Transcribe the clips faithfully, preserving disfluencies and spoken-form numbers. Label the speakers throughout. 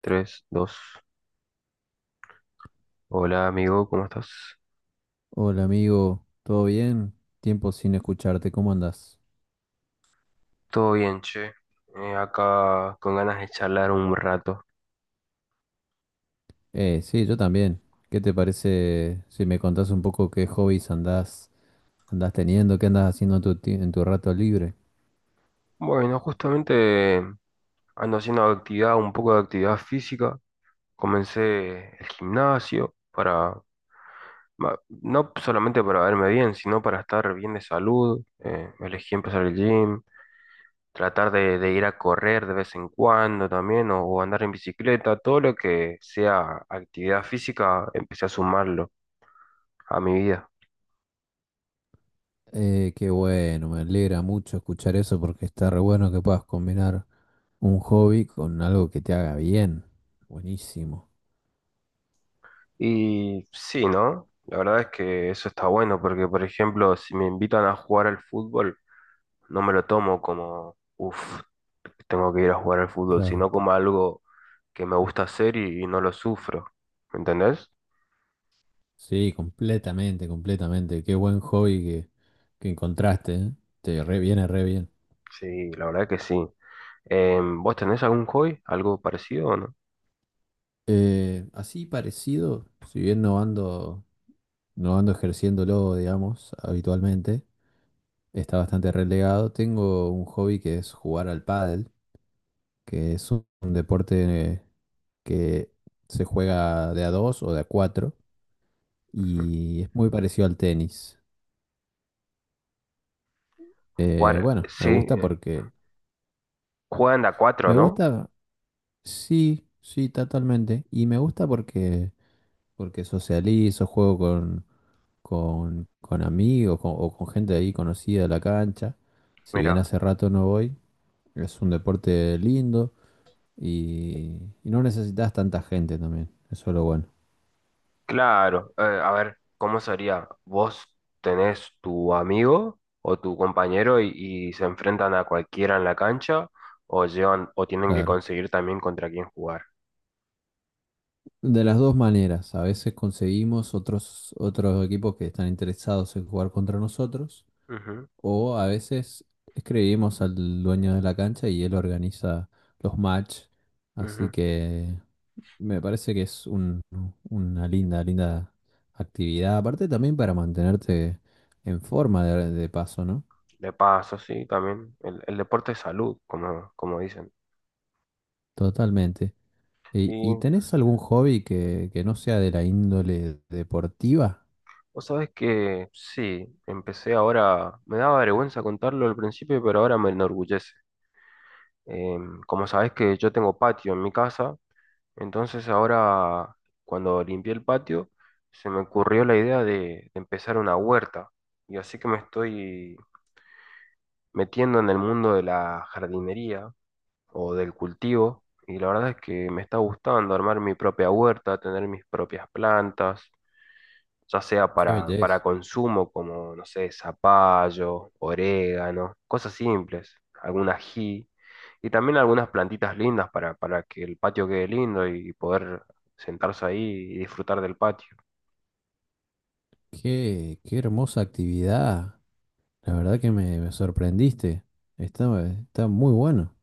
Speaker 1: Tres dos. Hola amigo, ¿cómo estás?
Speaker 2: Hola amigo, ¿todo bien? Tiempo sin escucharte, ¿cómo andás?
Speaker 1: Todo bien, che. Eh, acá con ganas de charlar un rato.
Speaker 2: Eh, sí, yo también. ¿Qué te parece si me contás un poco qué hobbies andás, andás teniendo, qué andás haciendo en tu, ti- en tu rato libre?
Speaker 1: Bueno, justamente eh, ando haciendo actividad, un poco de actividad física. Comencé el gimnasio para, ma- no solamente para verme bien, sino para estar bien de salud. Eh, elegí empezar el gym, tratar de, de ir a correr de vez en cuando también, o, o andar en bicicleta, todo lo que sea actividad física, empecé a sumarlo a mi vida.
Speaker 2: Eh, qué bueno, me alegra mucho escuchar eso porque está re bueno que puedas combinar un hobby con algo que te haga bien. Buenísimo,
Speaker 1: Y sí, ¿no? La verdad es que eso está bueno porque, por ejemplo, si me invitan a jugar al fútbol, no me lo tomo como, uff, tengo que ir a jugar al fútbol,
Speaker 2: claro.
Speaker 1: sino como algo que me gusta hacer y, y no lo sufro. ¿Me entendés?
Speaker 2: Sí, completamente, completamente. Qué buen hobby que, que encontraste, ¿eh? Te re viene re bien.
Speaker 1: Sí, la verdad que sí. Em, ¿vos tenés algún hobby? ¿Algo parecido o no?
Speaker 2: Eh, así parecido, si bien no ando, no ando ejerciéndolo, digamos, habitualmente, está bastante relegado. Tengo un hobby que es jugar al pádel, que es un, un deporte que se juega de a dos o de a cuatro
Speaker 1: Ujú.
Speaker 2: y es muy parecido al tenis. Eh,
Speaker 1: Jugar,
Speaker 2: bueno, me
Speaker 1: sí,
Speaker 2: gusta
Speaker 1: eh,
Speaker 2: porque,
Speaker 1: juegan de a cuatro,
Speaker 2: me
Speaker 1: ¿no?
Speaker 2: gusta, sí, sí, totalmente, y me gusta porque, porque socializo, juego con con, con, amigos con- o con gente ahí conocida de la cancha. Si bien
Speaker 1: Mira.
Speaker 2: hace rato no voy, es un deporte lindo y, y no necesitas tanta gente también. Eso es lo bueno.
Speaker 1: Claro, eh, a ver, ¿cómo sería? ¿Vos tenés tu amigo o tu compañero y, y se enfrentan a cualquiera en la cancha o llevan o tienen que
Speaker 2: Claro.
Speaker 1: conseguir también contra quién jugar?
Speaker 2: De las dos maneras, a veces conseguimos otros, otros equipos que están interesados en jugar contra nosotros.
Speaker 1: Ujú,
Speaker 2: O a veces escribimos al dueño de la cancha y él organiza los match. Así
Speaker 1: ujú.
Speaker 2: que me parece que es un- una linda, linda actividad. Aparte también para mantenerte en forma de, de paso, ¿no?
Speaker 1: De paso, sí, también. El, el deporte es salud, como, como dicen.
Speaker 2: Totalmente. ¿Y, y
Speaker 1: Y
Speaker 2: tenés algún hobby que, que no sea de la índole deportiva?
Speaker 1: vos sabés que sí, empecé ahora, me daba vergüenza contarlo al principio, pero ahora me enorgullece. Em, como sabés que yo tengo patio en mi casa. Entonces ahora, cuando limpié el patio, se me ocurrió la idea de, de empezar una huerta. Y así que me estoy metiendo en el mundo de la jardinería o del cultivo. Y la verdad es que me está gustando armar mi propia huerta, tener mis propias plantas, ya sea
Speaker 2: Qué
Speaker 1: para, para,
Speaker 2: belleza.
Speaker 1: consumo como, no sé, zapallo, orégano, cosas simples, algún ají. Y también algunas plantitas lindas para, para que el patio quede lindo y poder sentarse ahí y disfrutar del patio.
Speaker 2: Qué, qué hermosa actividad. La verdad que me, me sorprendiste. Está, está muy bueno.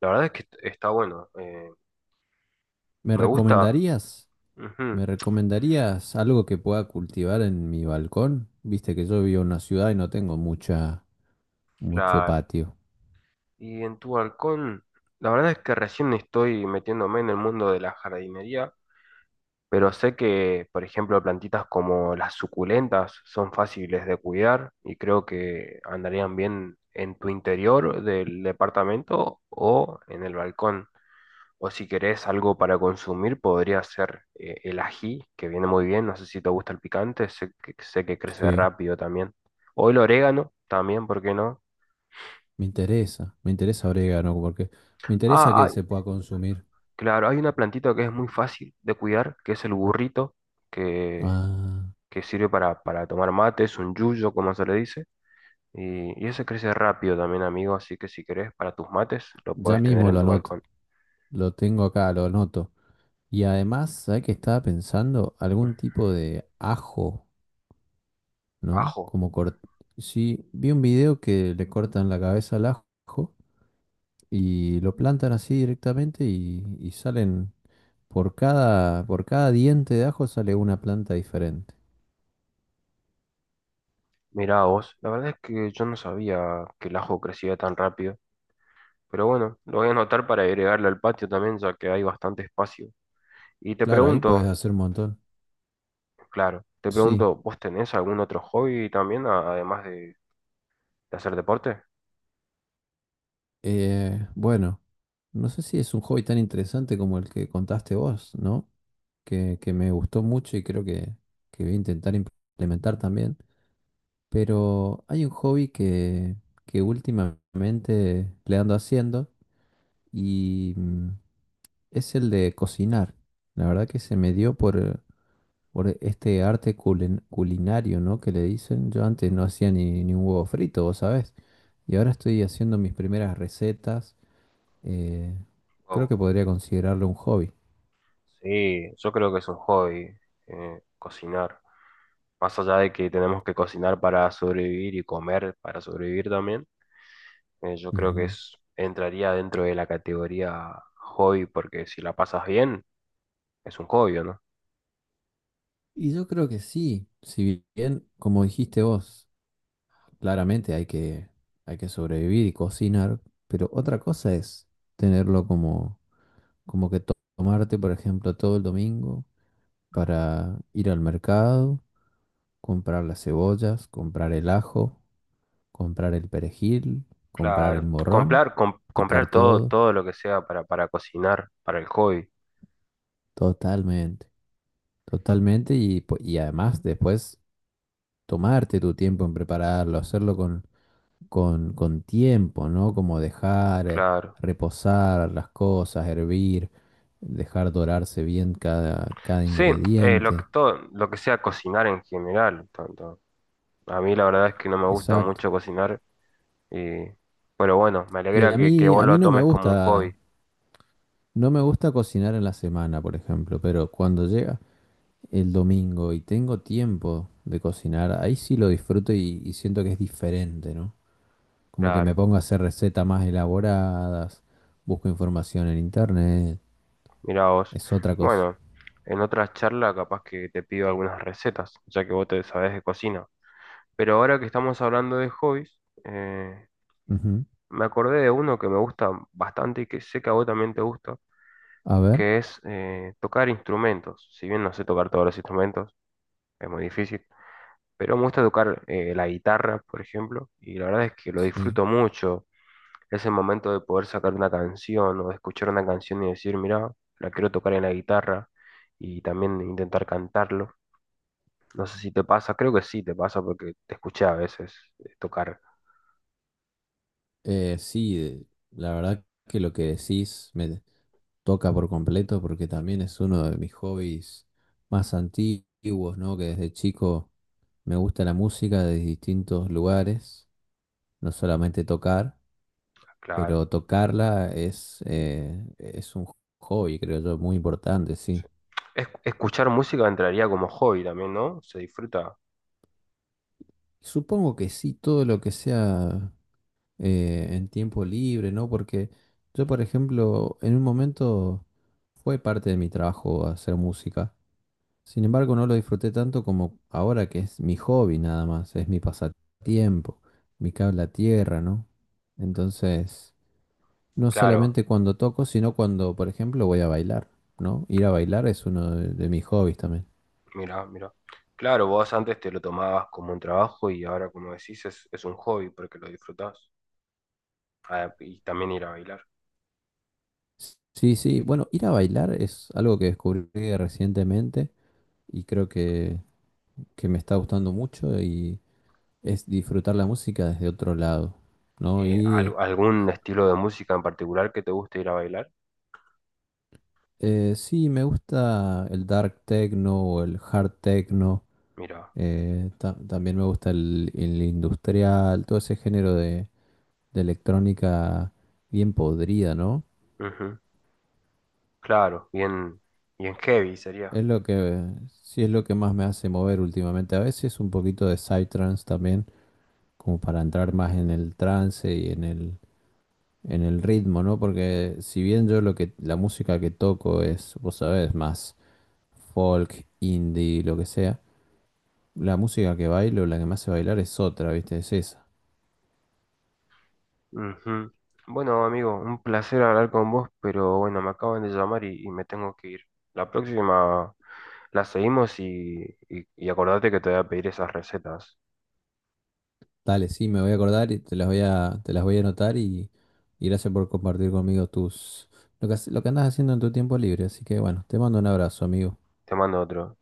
Speaker 1: La verdad es que est- está bueno. Eh,
Speaker 2: ¿Me
Speaker 1: me gusta.
Speaker 2: recomendarías?
Speaker 1: Ujú,
Speaker 2: ¿Me recomendarías algo que pueda cultivar en mi balcón? Viste que yo vivo en una ciudad y no tengo mucha, mucho
Speaker 1: claro.
Speaker 2: patio.
Speaker 1: Y en tu balcón, la verdad es que recién estoy metiéndome en el mundo de la jardinería, pero sé que, por ejemplo, plantitas como las suculentas son fáciles de cuidar y creo que andarían bien en tu interior del departamento o en el balcón. O si querés algo para consumir, podría ser eh, el ají, que viene muy bien. No sé si te gusta el picante, sé que, sé que crece
Speaker 2: Sí,
Speaker 1: rápido también. O el orégano también, ¿por qué no?
Speaker 2: me interesa, me interesa orégano porque me interesa
Speaker 1: Ah,
Speaker 2: que
Speaker 1: ah,
Speaker 2: se pueda consumir.
Speaker 1: claro, hay una plantita que es muy fácil de cuidar, que es el burrito, que,
Speaker 2: Ah,
Speaker 1: que sirve para, para tomar mate, es un yuyo, como se le dice. Y, y ese crece rápido también, amigo, así que si querés para tus mates, lo
Speaker 2: ya
Speaker 1: podés tener
Speaker 2: mismo
Speaker 1: en
Speaker 2: lo
Speaker 1: tu
Speaker 2: anoto,
Speaker 1: balcón.
Speaker 2: lo tengo acá, lo anoto. Y además, ¿sabes qué estaba pensando?
Speaker 1: Mm.
Speaker 2: Algún tipo de ajo, ¿no?
Speaker 1: Ajo,
Speaker 2: Como cort... Sí, vi un video que le cortan la cabeza al ajo y lo plantan así directamente y, y salen por cada, por cada diente de ajo sale una planta diferente.
Speaker 1: mirá vos, la verdad es que yo no sabía que el ajo crecía tan rápido. Pero bueno, lo voy a anotar para agregarle al patio también, ya que hay bastante espacio. Y te
Speaker 2: Claro, ahí podés
Speaker 1: pregunto,
Speaker 2: hacer un montón.
Speaker 1: claro, te
Speaker 2: Sí.
Speaker 1: pregunto, ¿vos tenés algún otro hobby también, a- además de, de hacer deporte?
Speaker 2: Eh, bueno, no sé si es un hobby tan interesante como el que contaste vos, ¿no? Que, que me gustó mucho y creo que, que voy a intentar implementar también. Pero hay un hobby que, que últimamente le ando haciendo y mm, es el de cocinar. La verdad que se me dio por, por este arte culin- culinario, ¿no? Que le dicen. Yo antes no
Speaker 1: Sí.
Speaker 2: hacía ni, ni un huevo frito, vos sabés. Y ahora estoy haciendo mis primeras recetas. eh, Creo
Speaker 1: Wow.
Speaker 2: que podría considerarlo un hobby.
Speaker 1: Sí, yo creo que es un hobby, eh, cocinar. Más allá de que tenemos que cocinar para sobrevivir y comer para sobrevivir también, eh, yo creo que
Speaker 2: Ujú.
Speaker 1: es, entraría dentro de la categoría hobby, porque si la pasas bien, es un hobby, ¿o no?
Speaker 2: Y yo creo que sí, si bien, como dijiste vos, claramente hay que, hay que sobrevivir y cocinar, pero otra cosa es tenerlo como, como que to- tomarte, por ejemplo, todo el domingo para ir al mercado, comprar las cebollas, comprar el ajo, comprar el perejil, comprar el
Speaker 1: Claro,
Speaker 2: morrón,
Speaker 1: comprar, com-
Speaker 2: picar
Speaker 1: comprar todo,
Speaker 2: todo,
Speaker 1: todo lo que sea para, para cocinar, para el hobby,
Speaker 2: totalmente, totalmente y, po- y además después tomarte tu tiempo en prepararlo, hacerlo con, con, con tiempo, ¿no? Como dejar eh,
Speaker 1: claro.
Speaker 2: reposar las cosas, hervir, dejar dorarse bien cada, cada
Speaker 1: Sí, eh, lo que
Speaker 2: ingrediente.
Speaker 1: todo, lo que sea cocinar en general, tanto. A mí la verdad es que no me gusta
Speaker 2: Exacto.
Speaker 1: mucho cocinar, y, pero bueno, me
Speaker 2: Y
Speaker 1: alegra
Speaker 2: a
Speaker 1: que, que
Speaker 2: mí,
Speaker 1: vos
Speaker 2: a mí
Speaker 1: lo
Speaker 2: no me
Speaker 1: tomes como un hobby,
Speaker 2: gusta, no me gusta cocinar en la semana, por ejemplo, pero cuando llega el domingo y tengo tiempo de cocinar, ahí sí lo disfruto y, y siento que es diferente, ¿no? Como que me
Speaker 1: claro.
Speaker 2: pongo a hacer recetas más elaboradas, busco información en internet,
Speaker 1: Mira vos.
Speaker 2: es otra cosa.
Speaker 1: Bueno, en otra charla capaz que te pido algunas recetas, ya que vos te sabés de cocina. Pero ahora que estamos hablando de hobbies, eh,
Speaker 2: Ujú.
Speaker 1: me acordé de uno que me gusta bastante y que sé que a vos también te gusta
Speaker 2: A ver,
Speaker 1: que es eh, tocar instrumentos. Si bien no sé tocar todos los instrumentos, es muy difícil, pero me gusta tocar eh, la guitarra, por ejemplo, y la verdad es que lo
Speaker 2: sí.
Speaker 1: disfruto mucho. Ese momento de poder sacar una canción o de escuchar una canción y decir, mira, la quiero tocar en la guitarra y también intentar cantarlo. No sé si te pasa, creo que sí te pasa porque te escuché a veces eh, tocar,
Speaker 2: Eh, sí, eh, la verdad que lo que decís me toca por completo porque también es uno de mis hobbies más antiguos, ¿no? Que desde chico me gusta la música de distintos lugares, no solamente tocar.
Speaker 1: claro.
Speaker 2: Pero tocarla es, eh, es un hobby, creo yo, muy importante, sí.
Speaker 1: Es- escuchar música entraría como hobby también, ¿no? Se disfruta,
Speaker 2: Supongo que sí, todo lo que sea eh, en tiempo libre, ¿no? Porque yo, por ejemplo, en un momento fue parte de mi trabajo hacer música. Sin embargo, no lo disfruté tanto como ahora que es mi hobby nada más, es mi pasatiempo, mi cable a tierra, ¿no? Entonces. No
Speaker 1: claro.
Speaker 2: solamente cuando toco, sino cuando, por ejemplo, voy a bailar, ¿no? Ir a bailar es uno de, de mis hobbies también.
Speaker 1: Mira, mira. Claro, vos antes te lo tomabas como un trabajo y ahora, como decís, es, es un hobby porque lo disfrutás. Ah, y también ir a bailar.
Speaker 2: Sí, sí, bueno, ir a bailar es algo que descubrí recientemente y creo que, que me está gustando mucho y es disfrutar la música desde otro lado, ¿no?
Speaker 1: Eh, ¿al-
Speaker 2: Ir,
Speaker 1: ¿algún estilo de música en particular que te guste ir a bailar?
Speaker 2: eh, sí, me gusta el dark techno o el hard techno,
Speaker 1: Mira,
Speaker 2: eh, ta- también me gusta el, el industrial, todo ese género de, de electrónica bien podrida, ¿no?
Speaker 1: ujú. Claro, bien, bien heavy sería.
Speaker 2: Es lo que, sí es lo que más me hace mover últimamente. A veces un poquito de psytrance también, como para entrar más en el trance y en el, en el ritmo, ¿no? Porque si bien yo lo que, la música que toco es, vos sabés, más folk, indie, lo que sea, la música que bailo, la que me hace bailar es otra, ¿viste? Es esa.
Speaker 1: Ujú. Bueno, amigo, un placer hablar con vos, pero bueno, me acaban de llamar y, y me tengo que ir. La próxima la seguimos y, y, y acordate que te voy a pedir esas recetas.
Speaker 2: Dale, sí, me voy a acordar y te las voy a, te las voy a anotar y, y gracias por compartir conmigo tus, lo que, hace- lo que andas haciendo en tu tiempo libre. Así que bueno, te mando un abrazo, amigo.
Speaker 1: Te mando otro.